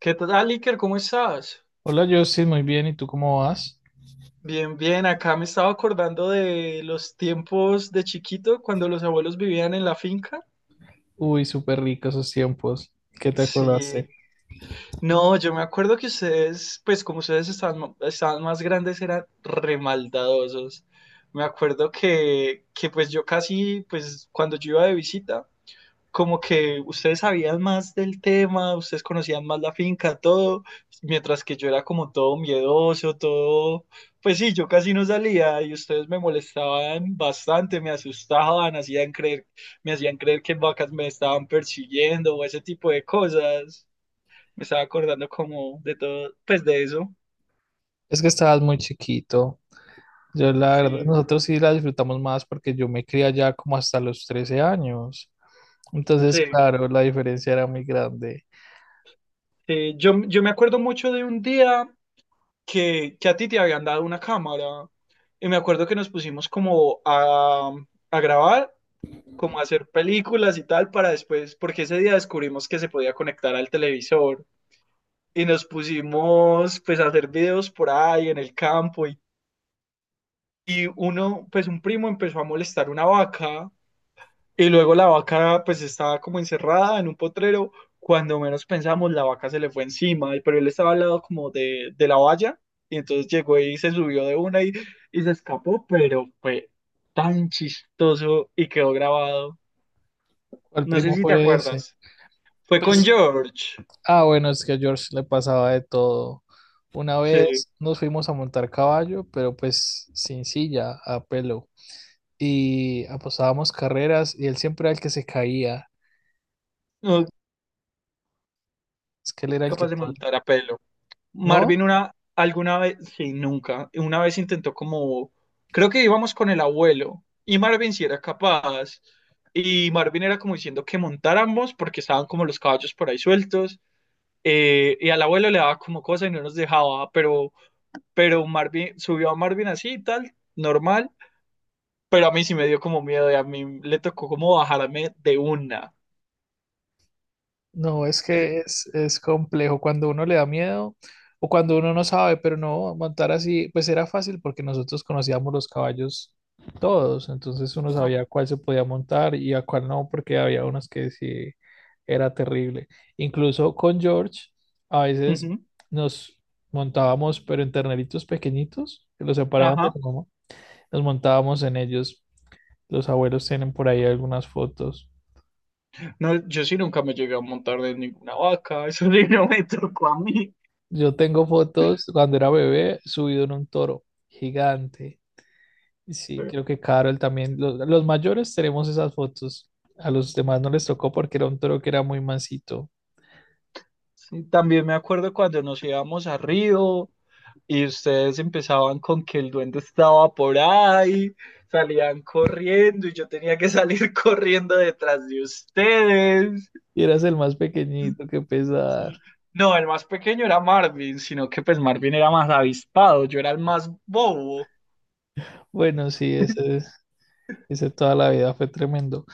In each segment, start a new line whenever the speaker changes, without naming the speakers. ¿Qué tal, Iker? ¿Cómo estás?
Hola, Justin, muy bien. ¿Y tú cómo vas?
Bien, bien. Acá me estaba acordando de los tiempos de chiquito cuando los abuelos vivían en la finca.
Uy, súper rico esos tiempos. ¿Qué te
Sí.
acordaste?
No, yo me acuerdo que ustedes, pues como ustedes estaban, estaban más grandes, eran remaldadosos. Me acuerdo que pues yo casi, pues cuando yo iba de visita, como que ustedes sabían más del tema, ustedes conocían más la finca, todo, mientras que yo era como todo miedoso, todo, pues sí, yo casi no salía y ustedes me molestaban bastante, me asustaban, hacían creer, me hacían creer que vacas me estaban persiguiendo o ese tipo de cosas. Me estaba acordando como de todo, pues de eso.
Es que estabas muy chiquito. Yo, la verdad,
Sí,
nosotros sí la disfrutamos más porque yo me crié allá como hasta los 13 años. Entonces,
sí.
claro, la diferencia era muy grande.
Sí. Yo me acuerdo mucho de un día que a ti te habían dado una cámara. Y me acuerdo que nos pusimos a grabar, como a hacer películas y tal para después, porque ese día descubrimos que se podía conectar al televisor y nos pusimos pues a hacer videos por ahí en el campo y uno, pues un primo empezó a molestar una vaca. Y luego la vaca pues estaba como encerrada en un potrero. Cuando menos pensamos, la vaca se le fue encima, pero él estaba al lado como de la valla. Y entonces llegó y se subió de una y se escapó, pero fue tan chistoso y quedó grabado.
¿Cuál
No sé
primo
si te
fue ese?
acuerdas. Fue con
Pues,
George.
ah, bueno, es que a George le pasaba de todo. Una
Sí.
vez nos fuimos a montar caballo, pero pues sin silla, a pelo. Y apostábamos carreras y él siempre era el que se caía.
No,
Es que él era el que
capaz de
todo.
montar a pelo. Marvin
No,
una, alguna vez, sí, nunca, una vez intentó como, creo que íbamos con el abuelo y Marvin sí era capaz y Marvin era como diciendo que montáramos porque estaban como los caballos por ahí sueltos, y al abuelo le daba como cosa y no nos dejaba, pero Marvin subió a Marvin así y tal, normal, pero a mí sí me dio como miedo y a mí le tocó como bajarme de una.
no, es
Eh,
que es complejo cuando uno le da miedo o cuando uno no sabe, pero no, montar así, pues era fácil porque nosotros conocíamos los caballos todos, entonces uno
ah,
sabía cuál se podía montar y a cuál no, porque había unos que sí era terrible. Incluso con George, a veces
ujú,
nos montábamos, pero en terneritos pequeñitos, que los separaban de
ajá.
la mamá, nos montábamos en ellos. Los abuelos tienen por ahí algunas fotos.
No, yo sí nunca me llegué a montar de ninguna vaca, eso sí no me tocó a mí.
Yo tengo fotos cuando era bebé subido en un toro gigante. Y sí, creo que Carol también. Los mayores tenemos esas fotos. A los demás no les tocó porque era un toro que era muy mansito.
Sí, también me acuerdo cuando nos íbamos a Río y ustedes empezaban con que el duende estaba por ahí, salían corriendo y yo tenía que salir corriendo detrás de ustedes.
Y eras el más pequeñito, que pesar.
Sí. No, el más pequeño era Marvin, sino que pues Marvin era más avispado, yo era el más bobo.
Bueno, sí, ese toda la vida fue tremendo.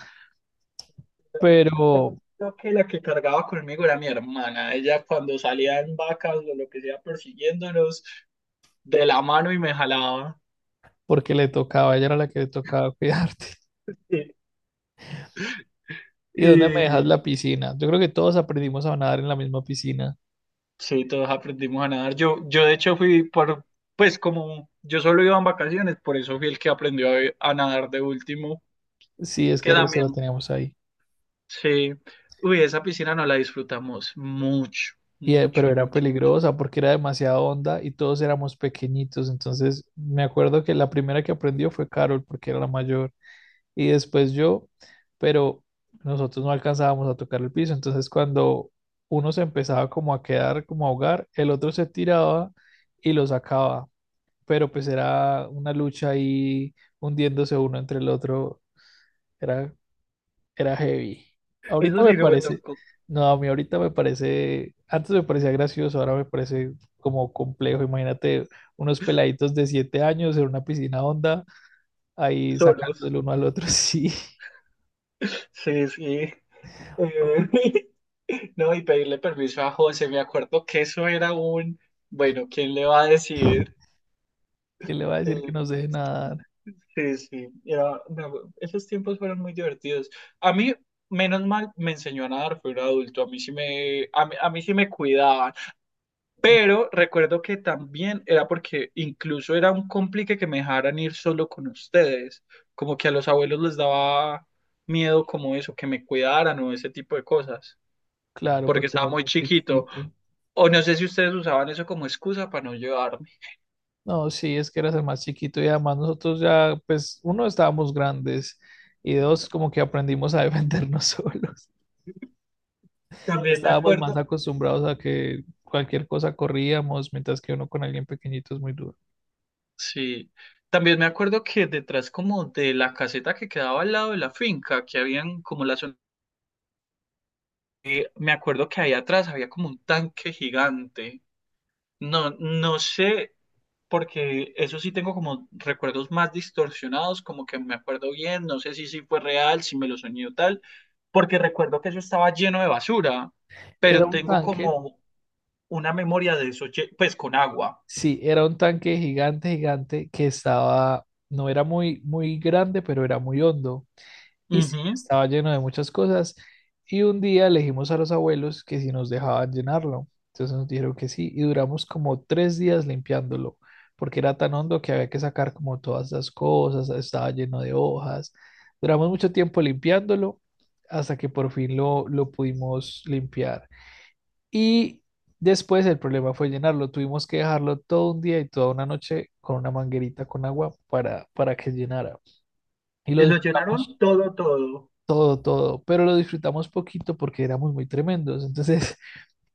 Me acuerdo
Pero
que la que cargaba conmigo era mi hermana, ella cuando salía en vacas o lo que sea persiguiéndonos de la mano y me jalaba.
porque le tocaba, ella era la que le tocaba cuidarte.
Y,
¿Y dónde me dejas
y-
la piscina? Yo creo que todos aprendimos a nadar en la misma piscina.
sí, todos aprendimos a nadar. Yo de hecho fui por, pues como yo solo iba en vacaciones, por eso fui el que aprendió a nadar de último,
Sí, es
que
que el resto la
también,
teníamos ahí.
sí. Uy, esa piscina no la disfrutamos mucho,
Y, pero
mucho,
era
mucho, mucho.
peligrosa porque era demasiado honda y todos éramos pequeñitos. Entonces me acuerdo que la primera que aprendió fue Carol porque era la mayor y después yo, pero nosotros no alcanzábamos a tocar el piso. Entonces cuando uno se empezaba como a quedar, como a ahogar, el otro se tiraba y lo sacaba. Pero pues era una lucha ahí hundiéndose uno entre el otro. Era, era heavy.
Eso
Ahorita me
sí, no me
parece,
tocó
no, a mí ahorita me parece, antes me parecía gracioso, ahora me parece como complejo. Imagínate unos peladitos de 7 años en una piscina honda, ahí sacando
solos.
el uno al otro, sí.
Sí, sí. No, y pedirle permiso a José, me acuerdo que eso era un, bueno, ¿quién le va a decir?
¿Quién le va a decir que
Eh,
no se deje nadar?
Sí, sí, era, esos tiempos fueron muy divertidos. A mí, menos mal, me enseñó a nadar, fui un adulto, a mí sí me, a mí sí me cuidaban,
No.
pero recuerdo que también era porque incluso era un complique que me dejaran ir solo con ustedes, como que a los abuelos les daba miedo como eso, que me cuidaran o ese tipo de cosas,
Claro,
porque
porque
estaba
eras
muy
más
chiquito,
chiquito.
o no sé si ustedes usaban eso como excusa para no llevarme.
No, sí, es que eras el más chiquito y además nosotros ya, pues, uno, estábamos grandes y dos, como que aprendimos a defendernos solos.
También me
Estábamos más
acuerdo.
acostumbrados a que cualquier cosa corríamos, mientras que uno con alguien pequeñito es muy duro.
Sí, también me acuerdo que detrás como de la caseta que quedaba al lado de la finca, que habían como la zona, me acuerdo que ahí atrás había como un tanque gigante. No, no sé, porque eso sí tengo como recuerdos más distorsionados, como que me acuerdo bien, no sé si sí fue real, si me lo soñé o tal, porque recuerdo que eso estaba lleno de basura,
Era
pero
un
tengo
tanque,
como una memoria de eso, pues con agua.
sí, era un tanque gigante, gigante, que estaba, no era muy, muy grande, pero era muy hondo. Y sí,
Ujú.
estaba lleno de muchas cosas. Y un día le dijimos a los abuelos que si nos dejaban llenarlo. Entonces nos dijeron que sí. Y duramos como 3 días limpiándolo, porque era tan hondo que había que sacar como todas las cosas. Estaba lleno de hojas. Duramos mucho tiempo limpiándolo hasta que por fin lo pudimos limpiar. Y después el problema fue llenarlo. Tuvimos que dejarlo todo un día y toda una noche con una manguerita con agua para que llenara. Y lo
Y lo
disfrutamos
llenaron todo, todo.
todo, todo, pero lo disfrutamos poquito porque éramos muy tremendos. Entonces,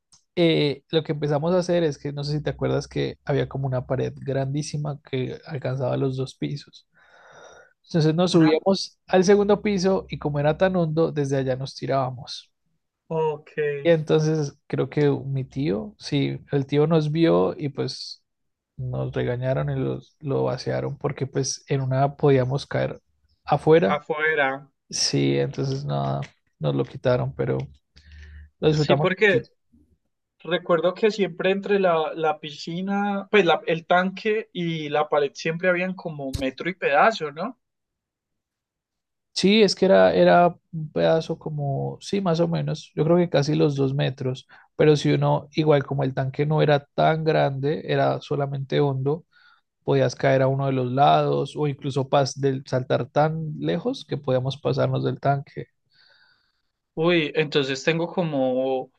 lo que empezamos a hacer es que, no sé si te acuerdas que había como una pared grandísima que alcanzaba los 2 pisos. Entonces nos
Una...
subíamos al segundo piso y como era tan hondo, desde allá nos tirábamos.
Ok.
Y entonces creo que mi tío, sí, el tío nos vio y pues nos regañaron y los, lo vaciaron porque pues en una podíamos caer afuera.
Afuera.
Sí, entonces nada, nos lo quitaron, pero lo
Sí,
disfrutamos. Sí,
porque recuerdo que siempre entre la piscina, pues el tanque y la pared siempre habían como metro y pedazo, ¿no?
sí, es que era, era un pedazo como, sí, más o menos, yo creo que casi los 2 metros, pero si uno, igual como el tanque no era tan grande, era solamente hondo, podías caer a uno de los lados o incluso saltar tan lejos que podíamos pasarnos del tanque.
Uy, entonces tengo como,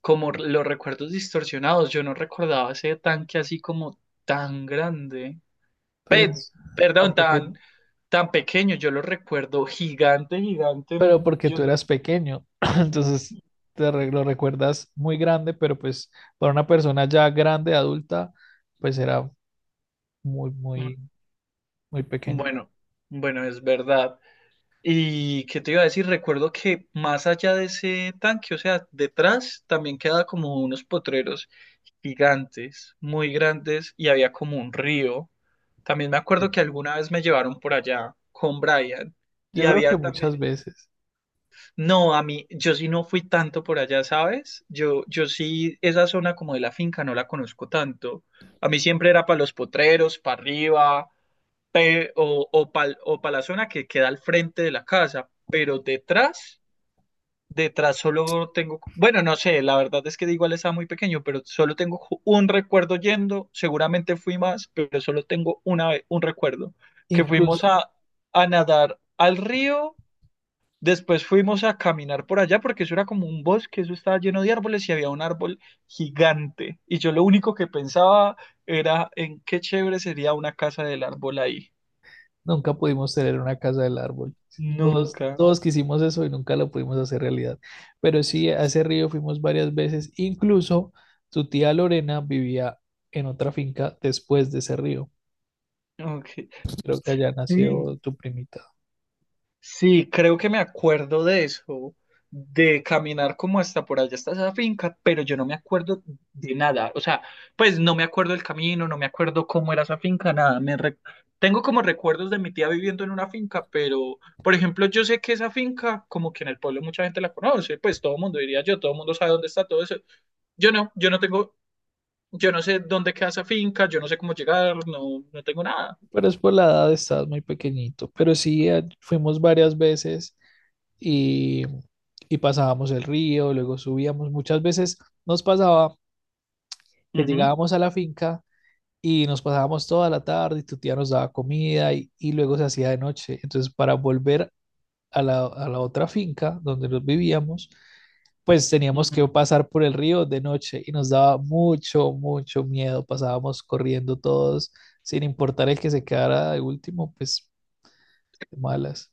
como los recuerdos distorsionados. Yo no recordaba ese tanque así como tan grande. Pe-
Pues tan
perdón, tan,
pequeño,
tan pequeño. Yo lo recuerdo gigante, gigante.
pero porque tú
Yo,
eras pequeño, entonces lo recuerdas muy grande, pero pues para una persona ya grande, adulta, pues era muy,
mm,
muy, muy pequeño.
bueno, bueno, es verdad. Y qué te iba a decir, recuerdo que más allá de ese tanque, o sea, detrás también quedaba como unos potreros gigantes, muy grandes, y había como un río. También me acuerdo que alguna vez me llevaron por allá con Brian
Yo
y
creo
había
que
también,
muchas veces,
no, a mí, yo sí no fui tanto por allá, ¿sabes? Yo sí, esa zona como de la finca no la conozco tanto. A mí siempre era para los potreros, para arriba, o para la zona que queda al frente de la casa, pero detrás, detrás solo tengo, bueno, no sé, la verdad es que igual estaba muy pequeño, pero solo tengo un recuerdo yendo, seguramente fui más, pero solo tengo una vez, un recuerdo, que fuimos
incluso
a nadar al río, después fuimos a caminar por allá, porque eso era como un bosque, eso estaba lleno de árboles y había un árbol gigante, y yo lo único que pensaba era en qué chévere sería una casa del árbol ahí.
nunca pudimos tener una casa del árbol. Todos,
Nunca.
todos quisimos eso y nunca lo pudimos hacer realidad. Pero sí, a ese río fuimos varias veces. Incluso tu tía Lorena vivía en otra finca después de ese río.
Ok.
Creo que allá
Sí,
nació tu primita.
sí, creo que me acuerdo de eso, de caminar como hasta por allá, hasta esa finca, pero yo no me acuerdo de nada. O sea, pues no me acuerdo del camino, no me acuerdo cómo era esa finca, nada. Tengo como recuerdos de mi tía viviendo en una finca, pero, por ejemplo, yo sé que esa finca, como que en el pueblo mucha gente la conoce, pues todo el mundo diría yo, todo el mundo sabe dónde está todo eso. Yo no, yo no tengo, yo no sé dónde queda esa finca, yo no sé cómo llegar, no, no tengo nada.
Pero es por la edad, estabas muy pequeñito. Pero sí, fuimos varias veces y, y pasábamos el río, luego subíamos. Muchas veces nos pasaba que
Ujú,
llegábamos a la finca y nos pasábamos toda la tarde y tu tía nos daba comida y luego se hacía de noche. Entonces, para volver a la otra finca donde nos vivíamos, pues teníamos que
ujú.
pasar por el río de noche y nos daba mucho, mucho miedo. Pasábamos corriendo todos, sin importar el que se quedara de último, pues de malas.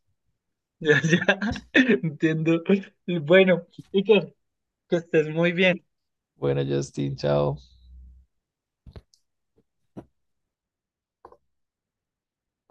Ya, ya, entiendo. Bueno, Iker, que estés muy bien.
Bueno, Justin, chao.